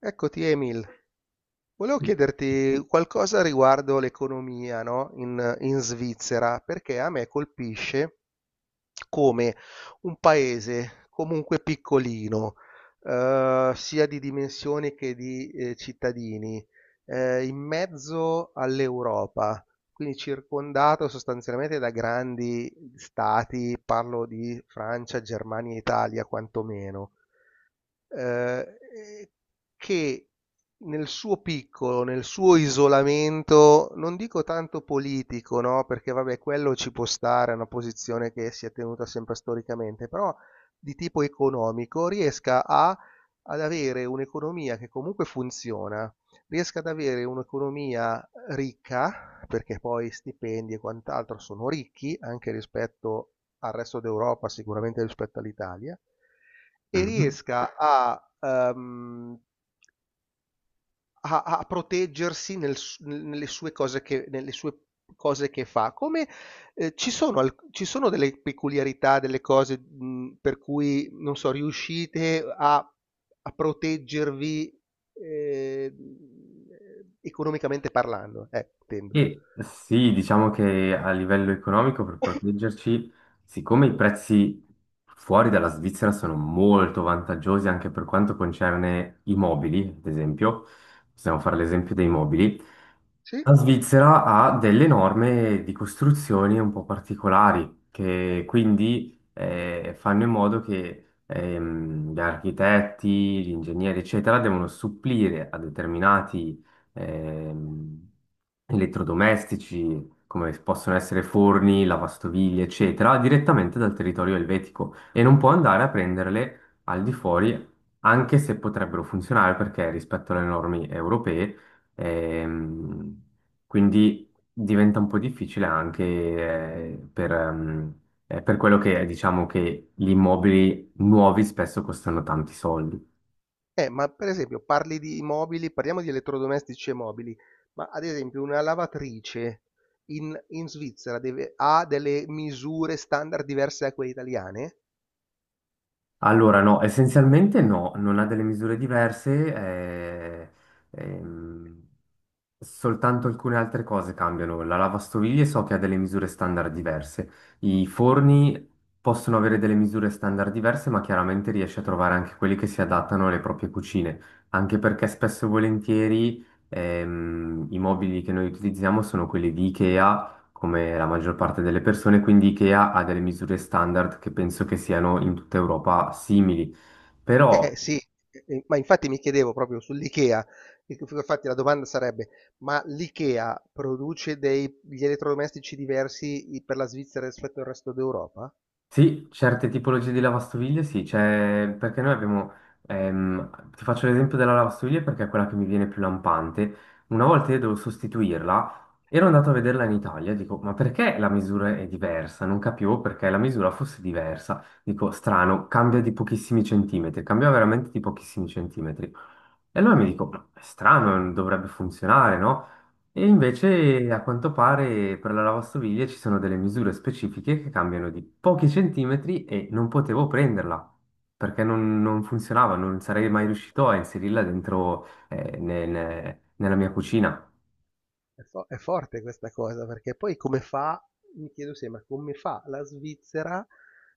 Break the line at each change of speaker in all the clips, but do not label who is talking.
Eccoti Emil, volevo chiederti qualcosa riguardo l'economia, no? In Svizzera, perché a me colpisce come un paese comunque piccolino, sia di dimensioni che di cittadini, in mezzo all'Europa, quindi circondato sostanzialmente da grandi stati, parlo di Francia, Germania e Italia quantomeno e che nel suo piccolo, nel suo isolamento, non dico tanto politico, no? Perché vabbè, quello ci può stare, è una posizione che si è tenuta sempre storicamente, però di tipo economico riesca a ad avere un'economia che comunque funziona, riesca ad avere un'economia ricca, perché poi stipendi e quant'altro sono ricchi anche rispetto al resto d'Europa, sicuramente rispetto all'Italia, e
Mhm.
riesca a proteggersi nelle sue cose che fa. Come, ci sono delle peculiarità, delle cose, per cui, non so, riuscite a proteggervi, ehm, economicamente parlando, intendo.
E sì, diciamo che a livello economico per proteggerci, siccome i prezzi fuori dalla Svizzera sono molto vantaggiosi anche per quanto concerne i mobili, ad esempio, possiamo fare l'esempio dei mobili.
Sì?
La Svizzera ha delle norme di costruzioni un po' particolari, che quindi fanno in modo che gli architetti, gli ingegneri, eccetera, devono supplire a determinati ehm, elettrodomestici, come possono essere forni, lavastoviglie, eccetera, direttamente dal territorio elvetico e non può andare a prenderle al di fuori, anche se potrebbero funzionare perché rispetto alle norme europee. Ehm, quindi diventa un po' difficile anche per quello che è, diciamo che gli immobili nuovi spesso costano tanti soldi.
Ma per esempio parli di mobili, parliamo di elettrodomestici e mobili, ma ad esempio una lavatrice in Svizzera ha delle misure standard diverse da quelle italiane?
Allora, no, essenzialmente no, non ha delle misure diverse, ehm, soltanto alcune altre cose cambiano. La lavastoviglie so che ha delle misure standard diverse, i forni possono avere delle misure standard diverse, ma chiaramente riesci a trovare anche quelli che si adattano alle proprie cucine, anche perché spesso e volentieri i mobili che noi utilizziamo sono quelli di Ikea come la maggior parte delle persone, quindi IKEA ha delle misure standard che penso che siano in tutta Europa simili. Però
Eh sì, ma infatti mi chiedevo proprio sull'IKEA, infatti la domanda sarebbe, ma l'IKEA produce degli elettrodomestici diversi per la Svizzera rispetto al resto d'Europa?
sì, certe tipologie di lavastoviglie sì, c'è perché noi abbiamo, ti faccio l'esempio della lavastoviglie perché è quella che mi viene più lampante. Una volta io devo sostituirla, ero andato a vederla in Italia, dico, ma perché la misura è diversa? Non capivo perché la misura fosse diversa. Dico, strano, cambia di pochissimi centimetri, cambia veramente di pochissimi centimetri. E allora mi dico, ma è strano, non dovrebbe funzionare, no? E invece a quanto pare per la lavastoviglie ci sono delle misure specifiche che cambiano di pochi centimetri e non potevo prenderla perché non funzionava, non sarei mai riuscito a inserirla dentro nella mia cucina.
È forte questa cosa, perché poi come fa, mi chiedo sempre, come fa la Svizzera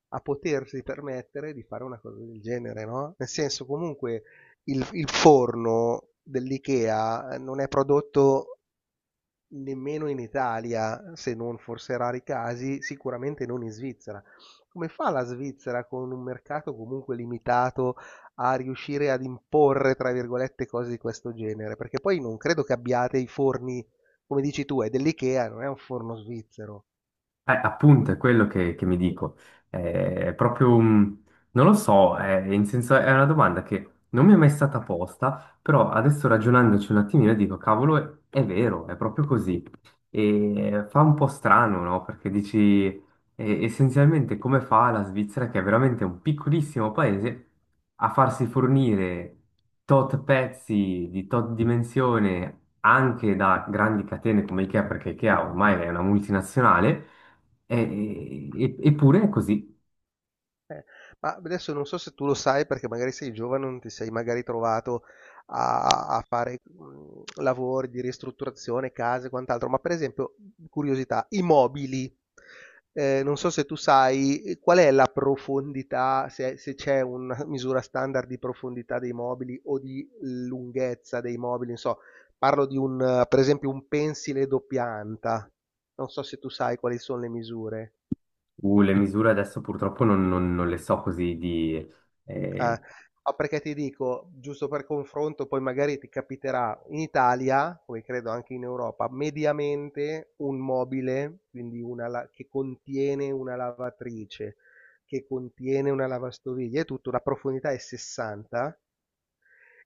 a potersi permettere di fare una cosa del genere, no? Nel senso, comunque, il forno dell'IKEA non è prodotto nemmeno in Italia, se non forse rari casi, sicuramente non in Svizzera. Come fa la Svizzera con un mercato comunque limitato a riuscire ad imporre, tra virgolette, cose di questo genere? Perché poi non credo che abbiate i forni, come dici tu, è dell'IKEA, non è un forno svizzero.
Appunto, è quello che mi dico. È proprio, non lo so, è una domanda che non mi è mai stata posta, però adesso ragionandoci un attimino dico, cavolo, è vero, è proprio così. E fa un po' strano, no? Perché dici, essenzialmente come fa la Svizzera, che è veramente un piccolissimo paese, a farsi fornire tot pezzi di tot dimensione anche da grandi catene come IKEA, perché IKEA ormai è una multinazionale eppure è così.
Eh, ma adesso non so se tu lo sai, perché magari sei giovane, non ti sei magari trovato a fare lavori di ristrutturazione, case e quant'altro, ma per esempio, curiosità, i mobili, non so se tu sai qual è la profondità, se c'è una misura standard di profondità dei mobili o di lunghezza dei mobili. Non so, parlo di un, per esempio, un pensile doppia anta. Non so se tu sai quali sono le misure.
Le misure adesso purtroppo non le so così di.
Eh,
eh,
ma perché ti dico, giusto per confronto, poi magari ti capiterà in Italia, come credo anche in Europa, mediamente un mobile, quindi che contiene una lavatrice, che contiene una lavastoviglie, è tutto, la profondità è 60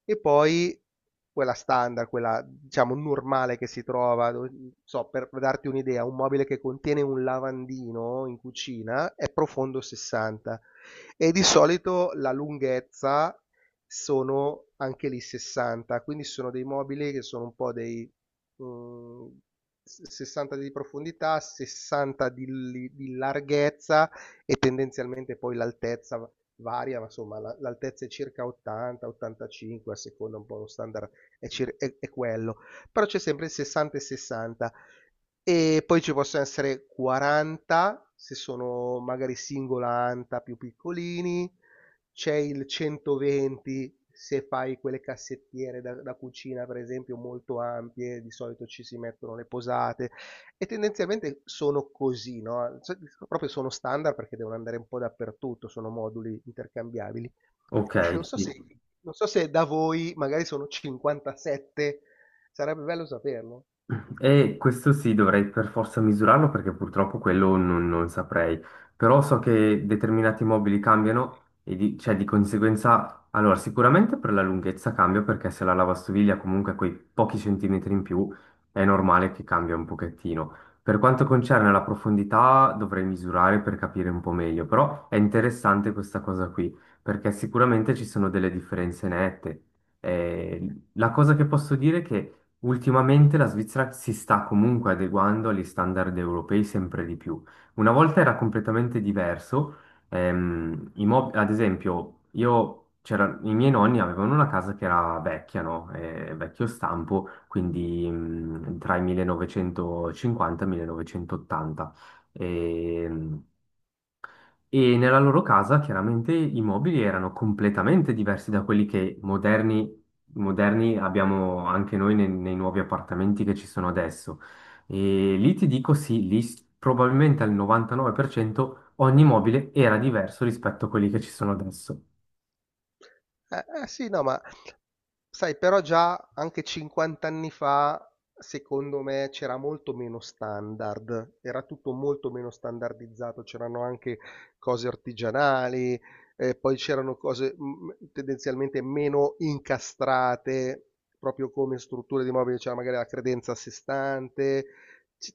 e poi quella standard, quella diciamo normale che si trova, non so, per darti un'idea, un mobile che contiene un lavandino in cucina è profondo 60 e di solito la lunghezza sono anche lì 60, quindi sono dei mobili che sono un po' dei, mm, 60 di profondità, 60 di larghezza, e tendenzialmente poi l'altezza varia, ma insomma l'altezza è circa 80-85, a seconda un po' lo standard è quello, però c'è sempre il 60 e 60 e poi ci possono essere 40 se sono magari singola anta più piccolini, c'è il 120 se fai quelle cassettiere da cucina per esempio molto ampie, di solito ci si mettono le posate, e tendenzialmente sono così, no, cioè, proprio sono standard perché devono andare un po' dappertutto, sono moduli intercambiabili.
ok,
E
sì.
non so se da voi magari sono 57, sarebbe bello saperlo.
E questo sì, dovrei per forza misurarlo perché purtroppo quello non saprei. Però so che determinati mobili cambiano e cioè, di conseguenza, allora sicuramente per la lunghezza cambia perché se la lavastoviglie ha comunque quei pochi centimetri in più è normale che cambia un pochettino. Per quanto concerne la profondità dovrei misurare per capire un po' meglio, però è interessante questa cosa qui perché sicuramente ci sono delle differenze nette. La cosa che posso dire è che ultimamente la Svizzera si sta comunque adeguando agli standard europei sempre di più. Una volta era completamente diverso. Ad esempio, i miei nonni avevano una casa che era vecchia, no? Vecchio stampo, quindi tra i 1950 e i 1980. Ehm, e nella loro casa chiaramente i mobili erano completamente diversi da quelli che moderni, abbiamo anche noi nei nuovi appartamenti che ci sono adesso. E lì ti dico sì, probabilmente al 99% ogni mobile era diverso rispetto a quelli che ci sono adesso.
Eh, sì, no, ma sai, però già anche 50 anni fa, secondo me, c'era molto meno standard, era tutto molto meno standardizzato, c'erano anche cose artigianali, poi c'erano cose, tendenzialmente meno incastrate, proprio come strutture di mobili, c'era magari la credenza a sé stante, c-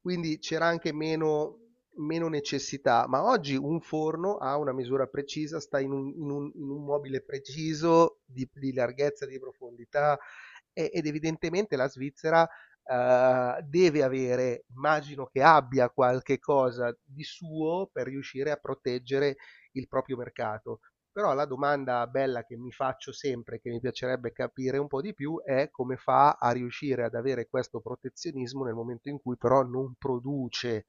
quindi c'era anche meno necessità, ma oggi un forno ha una misura precisa, sta in un mobile preciso di larghezza, di profondità ed evidentemente la Svizzera, deve avere, immagino che abbia qualche cosa di suo per riuscire a proteggere il proprio mercato. Però la domanda bella che mi faccio sempre, che mi piacerebbe capire un po' di più, è come fa a riuscire ad avere questo protezionismo nel momento in cui però non produce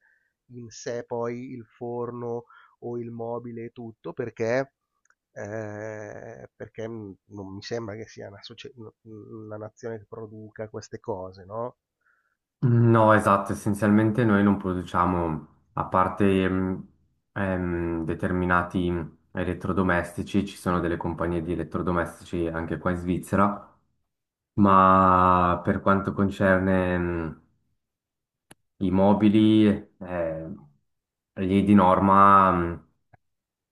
in sé poi il forno o il mobile e tutto, perché, non mi sembra che sia una nazione che produca queste cose, no?
No, esatto, essenzialmente noi non produciamo, a parte determinati elettrodomestici, ci sono delle compagnie di elettrodomestici anche qua in Svizzera. Ma per quanto concerne i mobili, eh, lì di norma.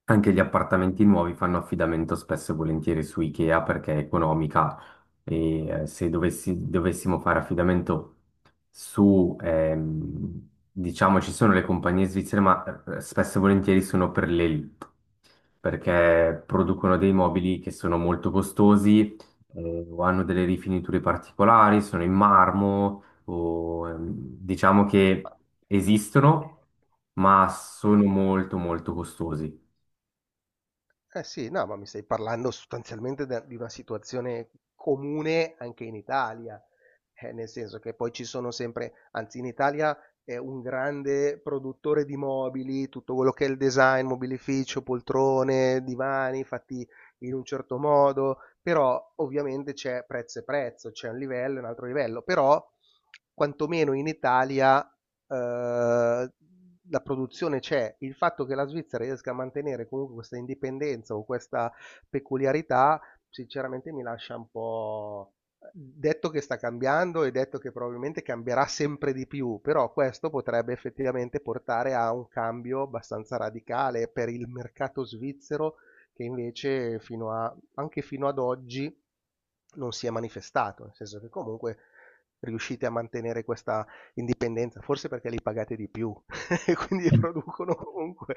Anche gli appartamenti nuovi fanno affidamento spesso e volentieri su IKEA perché è economica e se dovessimo fare affidamento diciamo, ci sono le compagnie svizzere, ma spesso e volentieri sono per l'elite perché producono dei mobili che sono molto costosi o hanno delle rifiniture particolari, sono in marmo o diciamo che esistono, ma sono molto molto costosi.
Eh sì, no, ma mi stai parlando sostanzialmente de di una situazione comune anche in Italia, nel senso che poi ci sono sempre, anzi in Italia è un grande produttore di mobili, tutto quello che è il design, mobilificio, poltrone, divani fatti in un certo modo, però ovviamente c'è prezzo e prezzo, c'è un livello e un altro livello, però quantomeno in Italia, la produzione c'è. Il fatto che la Svizzera riesca a mantenere comunque questa indipendenza o questa peculiarità sinceramente mi lascia un po'. Detto che sta cambiando e detto che probabilmente cambierà sempre di più, però questo potrebbe effettivamente portare a un cambio abbastanza radicale per il mercato svizzero, che invece fino a anche fino ad oggi non si è manifestato, nel senso che comunque riuscite a mantenere questa indipendenza, forse perché li pagate di più e quindi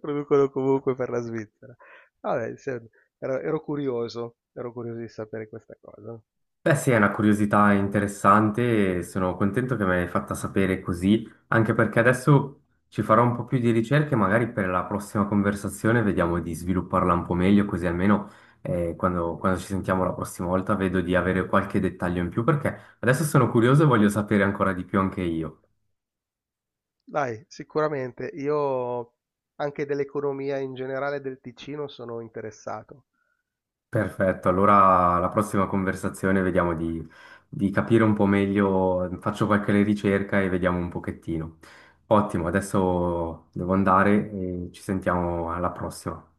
producono comunque per la Svizzera. Vabbè, ero curioso di sapere questa cosa.
Beh, sì, è una curiosità interessante e sono contento che me l'hai fatta sapere così, anche perché adesso ci farò un po' più di ricerche, magari per la prossima conversazione vediamo di svilupparla un po' meglio, così almeno quando ci sentiamo la prossima volta vedo di avere qualche dettaglio in più, perché adesso sono curioso e voglio sapere ancora di più anche io.
Dai, sicuramente io anche dell'economia in generale del Ticino sono interessato.
Perfetto, allora la prossima conversazione vediamo di capire un po' meglio, faccio qualche ricerca e vediamo un pochettino. Ottimo, adesso devo andare e ci sentiamo alla prossima.